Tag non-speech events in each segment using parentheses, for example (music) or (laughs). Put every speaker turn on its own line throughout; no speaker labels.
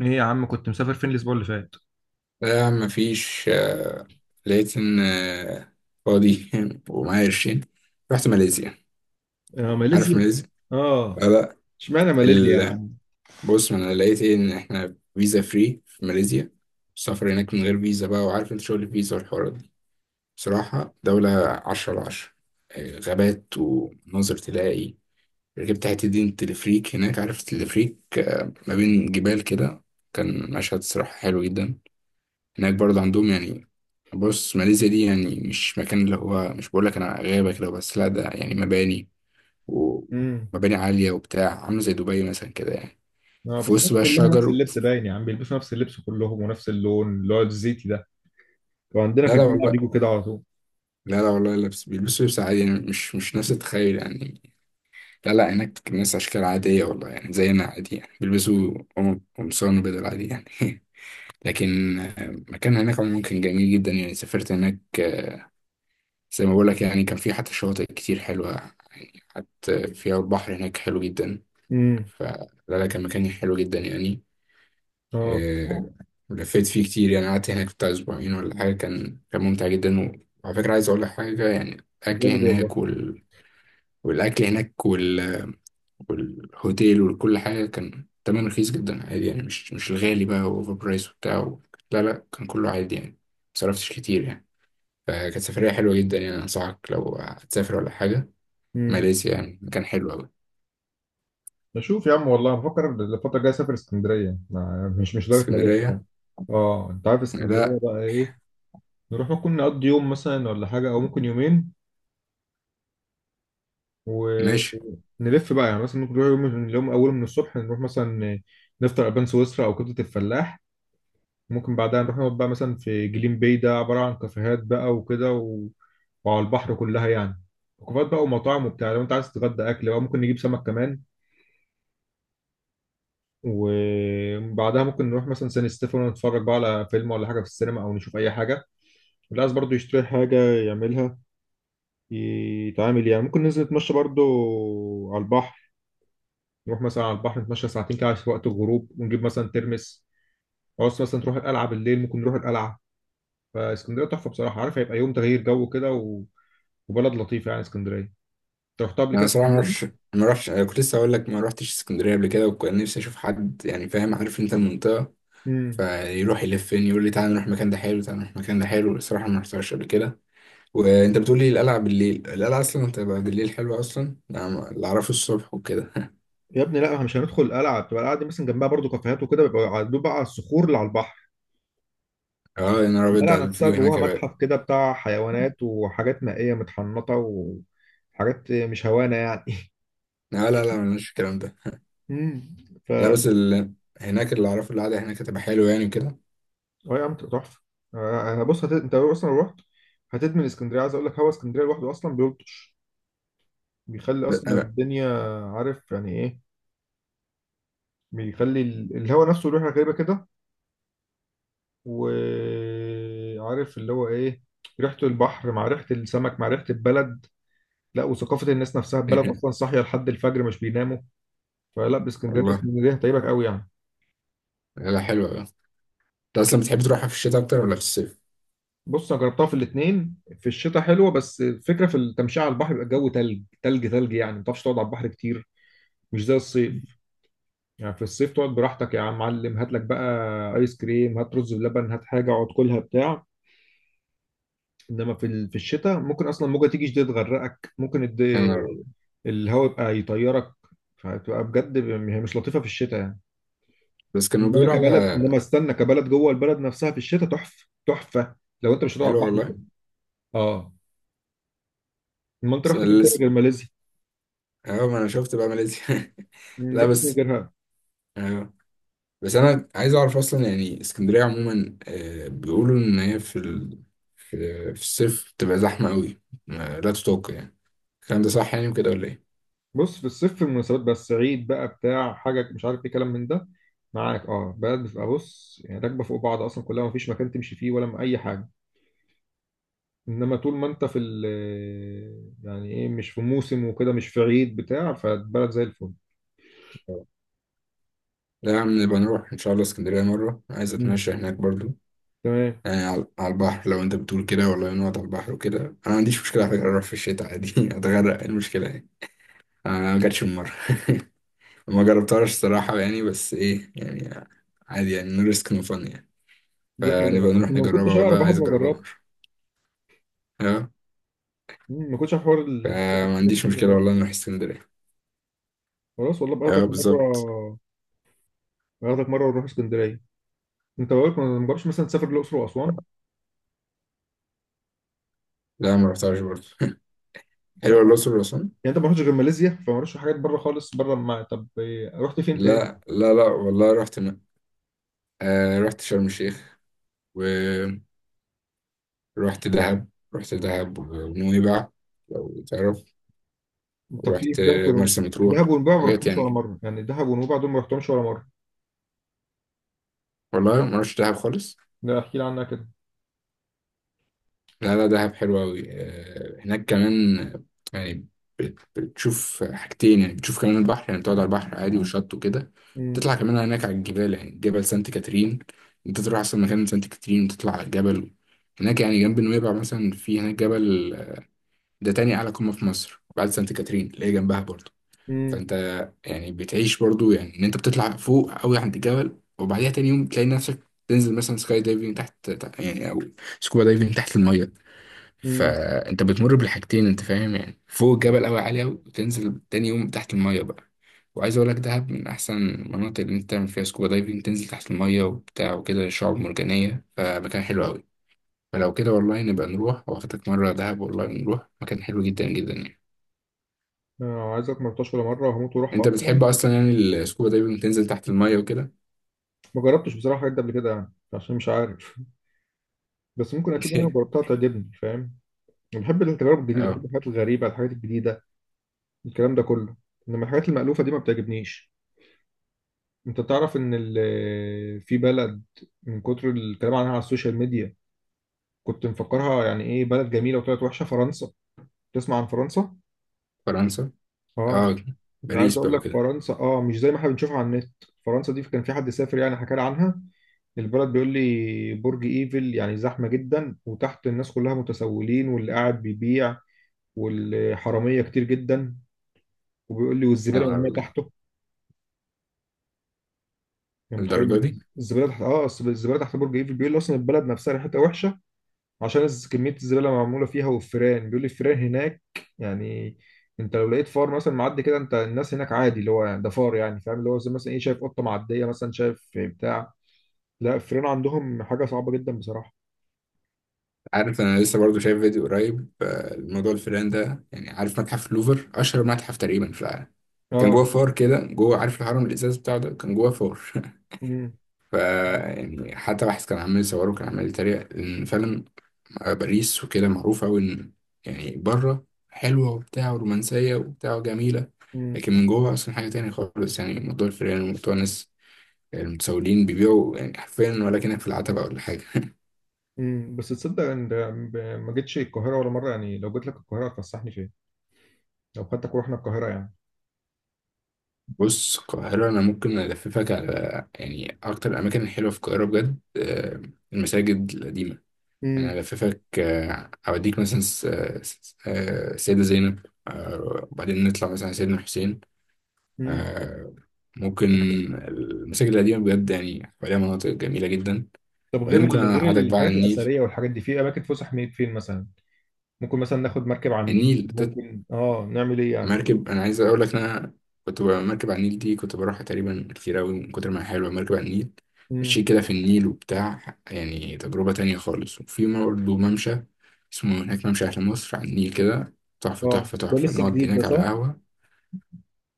ايه يا عم، كنت مسافر فين الاسبوع اللي فات؟
لا يا عم مفيش لقيت إن فاضي (laughs) ومعايا قرشين. رحت ماليزيا.
آه،
عارف
ماليزيا.
ماليزيا؟
اه.
آه، لا.
اشمعنى ماليزيا يا
ال...
عم؟
بص، ما أنا لقيت إيه إن إحنا فيزا فري في ماليزيا، السفر هناك من غير فيزا بقى، وعارف أنت شغل الفيزا والحوارات دي. بصراحة دولة 10/10. غابات ومناظر تلاقي. ركبت حتة دي تلفريك هناك، عارف التلفريك؟ ما بين جبال كده، كان مشهد صراحة حلو جدا. هناك برضه عندهم يعني، بص ماليزيا دي يعني مش مكان اللي هو، مش بقول لك انا غابة كده بس، لا، ده يعني مباني،
امم.
ومباني عالية وبتاع، عاملة زي دبي مثلا كده يعني.
اه،
في
بس
وسط
الناس
بقى
كلها نفس
الشجر.
اللبس باين يا عم، بيلبسوا نفس اللبس كلهم ونفس اللون اللي هو الزيتي ده. وعندنا
لا
في
لا
الجامعه بيجوا
والله.
كده على طول.
لا لا والله، لبس بيلبسوا لبس عادي يعني، مش نفس التخيل يعني. لا لا، هناك الناس أشكال عادية والله، يعني زينا عادي يعني، بيلبسوا قمصان وبدل عادي يعني. (laughs) لكن مكان هناك عموما كان جميل جدا يعني، سافرت هناك زي ما بقول لك يعني. كان في حتى شواطئ كتير حلوة يعني، حتى فيها البحر هناك حلو جدا.
امم.
فلا لا، كان مكان حلو جدا يعني.
اه،
آه، لفيت فيه كتير يعني، قعدت هناك بتاع أسبوعين ولا حاجة، كان ممتع جدا. وعلى فكرة عايز أقول لك حاجة يعني، الأكل
جامد والله.
هناك والأكل هناك والهوتيل وكل حاجة كان تمن رخيص جدا عادي يعني، مش الغالي بقى وأوفر برايس وبتاع. لا لا، كان كله عادي يعني، مصرفتش كتير يعني، فكانت سفرية حلوة جدا يعني. أنصحك لو هتسافر ولا حاجة،
امم.
ماليزيا يعني مكان حلو أوي.
بشوف يا عم والله، بفكر الفتره الجايه اسافر اسكندريه، مش لدرجه ماليزيا
اسكندرية؟
يعني. اه انت عارف اسكندريه
لا.
بقى ايه؟ نروح، ممكن نقضي يوم مثلا ولا حاجه، او ممكن يومين و.
ماشي.
نلف بقى، يعني مثلا ممكن نروح يوم من اليوم، أول من الصبح نروح مثلا نفطر ألبان سويسرا أو كبدة الفلاح. ممكن بعدها نروح نقعد بقى مثلا في جليم باي، ده عبارة عن كافيهات بقى وكده، و وعلى البحر كلها يعني، وكافيهات بقى ومطاعم وبتاع. لو أنت عايز تتغدى أكل بقى ممكن نجيب سمك كمان. وبعدها ممكن نروح مثلا سان ستيفانو، نتفرج بقى على فيلم ولا حاجة في السينما، أو نشوف أي حاجة اللي عايز برضه يشتري حاجة يعملها يتعامل يعني. ممكن ننزل نتمشى برضه على البحر، نروح مثلا على البحر نتمشى ساعتين كده في وقت الغروب، ونجيب مثلا ترمس. عاوز مثلا تروح القلعه بالليل، ممكن نروح القلعه. فاسكندريه تحفه بصراحه، عارف، هيبقى يوم تغيير جو كده، و وبلد لطيفه يعني اسكندريه. انت رحتها قبل
أنا
كده
صراحة ما
اسكندريه
رحتش.
دي؟
ما رحتش، أنا كنت لسه هقول لك ما رحتش اسكندرية قبل كده، وكان نفسي أشوف حد يعني فاهم، عارف أنت المنطقة،
امم.
فيروح يلفني يقول لي تعالى نروح المكان ده حلو، تعالى نروح المكان ده حلو. الصراحة ما رحتهاش قبل كده. وأنت بتقول لي القلعة بالليل؟ القلعة أصلا بتبقى بالليل حلوة، أصلا أنا اللي أعرفه الصبح وكده. (laughs)
يا ابني لا، احنا مش هندخل القلعه. بتبقى القلعه دي مثلا جنبها برضو كافيهات وكده، بيبقى دوب بقى على الصخور اللي على البحر.
أه يا نهار أبيض،
القلعه
ده
نفسها
الفيو هناك
جواها
يا بقى.
متحف كده بتاع حيوانات وحاجات مائيه متحنطه، وحاجات مش هوانه يعني.
لا لا لا، ملناش في الكلام ده.
(laughs)
لا
امم.
بس هناك اللي أعرفه القعدة هناك هتبقى حلوة يعني وكده.
اه يا عم، تبقى تحفه. انا بص انت اصلا، لو اصلا رحت هتدمن اسكندريه. عايز اقول لك، هوا اسكندريه لوحده اصلا بيلطش، بيخلي اصلا
ب-
الدنيا، عارف يعني ايه، بيخلي الهوا نفسه ريحه غريبه كده. وعارف اللي هو ايه؟ ريحه البحر مع ريحه السمك مع ريحه البلد. لا، وثقافه الناس نفسها، البلد اصلا
(laughs)
صاحيه لحد الفجر مش بيناموا. فلا، باسكندريه،
والله.
اسكندريه هتعيبك قوي يعني.
لا، حلوة. انت اصلا بتحب تروحها في الشتاء اكتر ولا في الصيف؟
بص انا جربتها في الاثنين. في الشتاء حلوه، بس الفكره في التمشيه على البحر، بيبقى الجو تلج تلج تلج، يعني ما تعرفش تقعد على البحر كتير، مش زي الصيف. يعني في الصيف تقعد براحتك يا عم معلم، هات لك بقى ايس كريم، هات رز بلبن، هات حاجه، اقعد، كلها بتاع. انما في في الشتاء ممكن اصلا موجه تيجي شديد تغرقك، ممكن
يا نهار أبيض.
الهواء يبقى يطيرك. فهتبقى بجد، هي مش لطيفه في الشتاء يعني.
بس كانوا بيقولوا على...
انما استنى، كبلد جوه البلد نفسها في الشتاء تحفه تحفه، لو انت مش هتقعد
حلوه
بحر
والله.
وكده. اه، ما انت
بس
رحت
انا
فين تاني
لسه،
غير ماليزيا؟
اه، ما انا شفت بقى ماليزيا. (laughs) لا
رحت فين
بس.
غيرها؟
اه بس انا عايز اعرف اصلا يعني، اسكندريه عموما بيقولوا ان هي في في في الصيف بتبقى زحمه قوي، لا تطاق يعني. الكلام ده صح يعني وكده ولا ايه؟
بص، في الصيف في المناسبات بس، عيد بقى بتاع حاجة مش عارف ايه كلام من ده، معاك؟ اه، بلد بتبقى، بص يعني راكبة فوق بعض أصلا، كلها مفيش مكان تمشي فيه ولا أي حاجة. إنما طول ما أنت في ال، يعني إيه، مش في موسم وكده، مش في عيد بتاع، فالبلد زي الفل.
اه. لا يا عم، نبقى نروح ان شاء الله اسكندريه مره، عايز
مم.
اتمشى هناك برضو،
تمام.
يعني على على البحر. لو انت بتقول كده والله، نقعد على البحر وكده. انا ما عنديش مشكله على فكره، اروح في الشتاء عادي. (laughs) اتغرق، إيه المشكله يعني؟ انا ما جاتش المره. (laughs) ما جربتهاش الصراحه يعني، بس ايه يعني؟ عادي يعني. نو ريسك نو فن يعني،
دي
فنبقى
حلوة،
نروح
ما
نجربها
كنتش أعرف
والله.
لحد
عايز
ما
اجربها مره.
جربت.
اه.
ما كنتش أعرف حوار البحر في
فما
الشتاء ده
عنديش
لحد ما
مشكله
جربت.
والله، نروح اسكندريه.
خلاص والله، باخدك
اه بالظبط.
مرة، باخدك مرة ونروح اسكندرية. أنت بقولك ما جربتش مثلا تسافر الأقصر وأسوان؟
لا ما رحتهاش برضه. (laughs) حلوه
طب،
الاقصر
يعني
واسوان.
انت ما رحتش غير ماليزيا؟ فما رحتش حاجات بره خالص، بره ما، طب إيه، رحت فين تاني؟
لا لا لا والله، رحت آه، رحت شرم الشيخ، ورحت دهب، رحت دهب ونويبع لو تعرف،
طب في إيه
ورحت
في دهب ونويبع؟
مرسى مطروح.
دهب ونويبع ما
حاجات
رحتهمش
يعني
ولا
كده.
مره، يعني دهب ونويبع دول ما رحتهمش ولا مره.
والله ما رحتش دهب خالص.
لا احكي لي عنها كده.
لا لا، دهب حلو أوي. هناك كمان يعني بتشوف حاجتين يعني، بتشوف كمان البحر يعني، بتقعد على البحر عادي والشط وكده.
امم.
تطلع كمان هناك على الجبال، يعني جبل سانت كاترين. انت تروح اصلا مكان سانت كاترين وتطلع على الجبل. هناك يعني جنب نويبع مثلا، في هناك جبل ده تاني أعلى قمة في مصر بعد سانت كاترين اللي هي جنبها برضه.
امم.
فانت يعني بتعيش برضه يعني، ان انت بتطلع فوق قوي عند الجبل، وبعديها تاني يوم تلاقي نفسك تنزل مثلا سكاي دايفنج، تحت يعني، او سكوبا دايفنج تحت المية.
امم.
فانت بتمر بالحاجتين انت فاهم يعني، فوق الجبل قوي عالي قوي، وتنزل تاني يوم تحت الميه بقى. وعايز اقول لك دهب من احسن المناطق اللي انت تعمل فيها سكوبا دايفنج، تنزل تحت الميه وبتاع وكده، شعاب مرجانيه، فمكان حلو قوي. فلو كده والله، نبقى نروح واخدك مره دهب والله، نروح مكان حلو جدا جدا يعني.
آه، عايزك، ما رحتهاش ولا مره وهموت واروحها
انت
اصلا.
بتحب اصلا يعني السكوبا دايفنج، تنزل تحت الميه وكده؟
ما جربتش بصراحه الحاجات دي قبل كده، يعني عشان مش عارف. (laughs) بس ممكن اكيد انا
(laughs)
جربتها تعجبني، فاهم؟ انا بحب التجارب الجديده،
اه.
بحب الحاجات الغريبه، الحاجات الجديده، الكلام ده كله. انما الحاجات المألوفه دي ما بتعجبنيش. انت تعرف ان في بلد من كتر الكلام عنها على السوشيال ميديا كنت مفكرها يعني ايه بلد جميله، وطلعت وحشه: فرنسا. تسمع عن فرنسا؟
فرنسا؟
اه.
اه.
انا عايز
باريس
اقول
بقى
لك،
وكده.
فرنسا اه، مش زي ما احنا بنشوفها على النت. فرنسا دي كان في حد سافر يعني حكى لي عنها البلد، بيقول لي برج ايفل يعني زحمه جدا، وتحت الناس كلها متسولين واللي قاعد بيبيع، والحراميه كتير جدا. وبيقول لي
يا
والزباله
نهار
مرميه
أبيض،
تحته، يعني
الدرجه
متخيل؟
دي.
الزباله تحت برج ايفل. بيقول لي اصلا البلد نفسها ريحتها وحشه عشان كمية الزبالة اللي معمولة فيها. والفيران، بيقول لي الفيران هناك، يعني انت لو لقيت فار مثلا معدي كده، انت الناس هناك عادي، اللي هو ده فار، يعني فاهم؟ اللي هو زي مثلا ايه، شايف قطة معدية مثلا، شايف بتاع. لا، الفيران عندهم حاجة صعبة جدا بصراحة.
عارف انا لسه برضو شايف فيديو قريب، الموضوع الفيران ده يعني. عارف متحف لوفر؟ اشهر متحف تقريبا في العالم. كان جوه
اه.
فار كده جوه، عارف الهرم الازاز بتاعه ده، كان جوه فار. (laughs)
امم.
ف يعني حتى واحد كان عمال يصوره، كان عمال يتريق ان فعلا باريس وكده معروفه قوي ان يعني بره حلوه وبتاع، ورومانسيه وبتاع، جميله،
امم.
لكن من جوه اصلا حاجه تانية خالص، يعني موضوع الفيران وموضوع الناس المتسولين بيبيعوا يعني حرفيا ولكنك في العتبه ولا حاجه.
امم، بس تصدق ان ده، ما جيتش القاهرة ولا مرة؟ يعني لو جيت لك القاهرة هتفسحني فين، لو خدتك ورحنا القاهرة يعني؟
بص القاهرة، أنا ممكن ألففك على يعني أكتر الأماكن الحلوة في القاهرة بجد، المساجد القديمة. يعني
امم.
ألففك، أوديك مثلا السيدة زينب، وبعدين نطلع مثلا على سيدنا الحسين.
امم.
آه، ممكن، المساجد القديمة بجد يعني عليها مناطق جميلة جدا.
طب
وبعدين
غير
ممكن أنا
غير
أقعدك بقى على
الحاجات
النيل.
الأثرية والحاجات دي، في أماكن فسح فين مثلا؟ ممكن مثلا ناخد مركب على النيل،
النيل،
ممكن اه نعمل ايه يعني؟
مركب، انا عايز اقول لك ان انا كنت مركب على النيل دي كنت بروحها تقريبا كتير قوي، من كتر ما هي حلوه مركب على النيل. مشي
امم.
كده في النيل وبتاع، يعني تجربه تانية خالص. وفي برضه ممشى، اسمه هناك ممشى اهل مصر على النيل كده. تحفه
اه،
تحفه
ده
تحفه،
لسه
نقعد
جديد ده،
هناك على
صح؟
قهوه.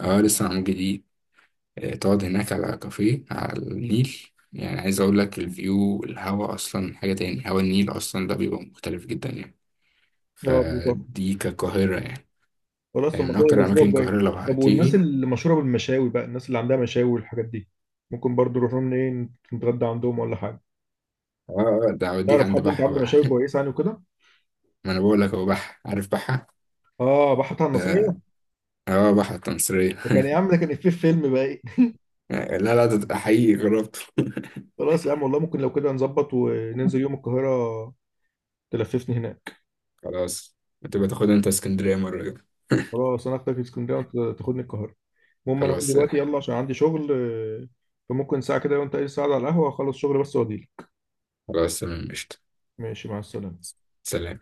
اه، لسه معمول جديد. تقعد هناك على كافيه على النيل. يعني عايز اقول لك، الفيو، الهوا اصلا حاجه تاني، هوا النيل اصلا ده بيبقى مختلف جدا يعني.
اه، بيطلع.
فدي كقاهره يعني.
خلاص،
يعني
طب ما
من
كده
اكتر
الاسبوع
اماكن
الجاي.
القاهره لو
طب والناس
هتيجي.
اللي مشهوره بالمشاوي بقى، الناس اللي عندها مشاوي والحاجات دي، ممكن برضو نروح لهم، ايه، نتغدى عندهم ولا حاجه؟
اه. ده هوديك
تعرف
عند
حد انت
بحة
عنده
بقى.
مشاوي
(laughs)
كويسه يعني وكده؟
ما انا بقول لك هو بحة، عارف بحة.
اه، بحط على النصريه.
اه، بحة التمصرية.
ده كان يا
(laughs)
عم، ده كان إفيه في فيلم بقى ايه.
لا لا، ده حقيقي جربته. (laughs)
(laughs) خلاص يا عم والله، ممكن لو كده نظبط وننزل يوم القاهره تلففني هناك.
خلاص، بتبقى تاخد انت اسكندرية مرة كده. (laughs)
خلاص، انا اخدك اسكندريه وانت تاخدني القاهره. المهم، انا هقوم
خلاص.
دلوقتي يلا عشان عندي شغل. فممكن ساعه كده، وانت ايه ساعه على القهوه، اخلص شغل بس واجيلك.
خلاص تمام قشطة.
ماشي، مع السلامه.
سلام.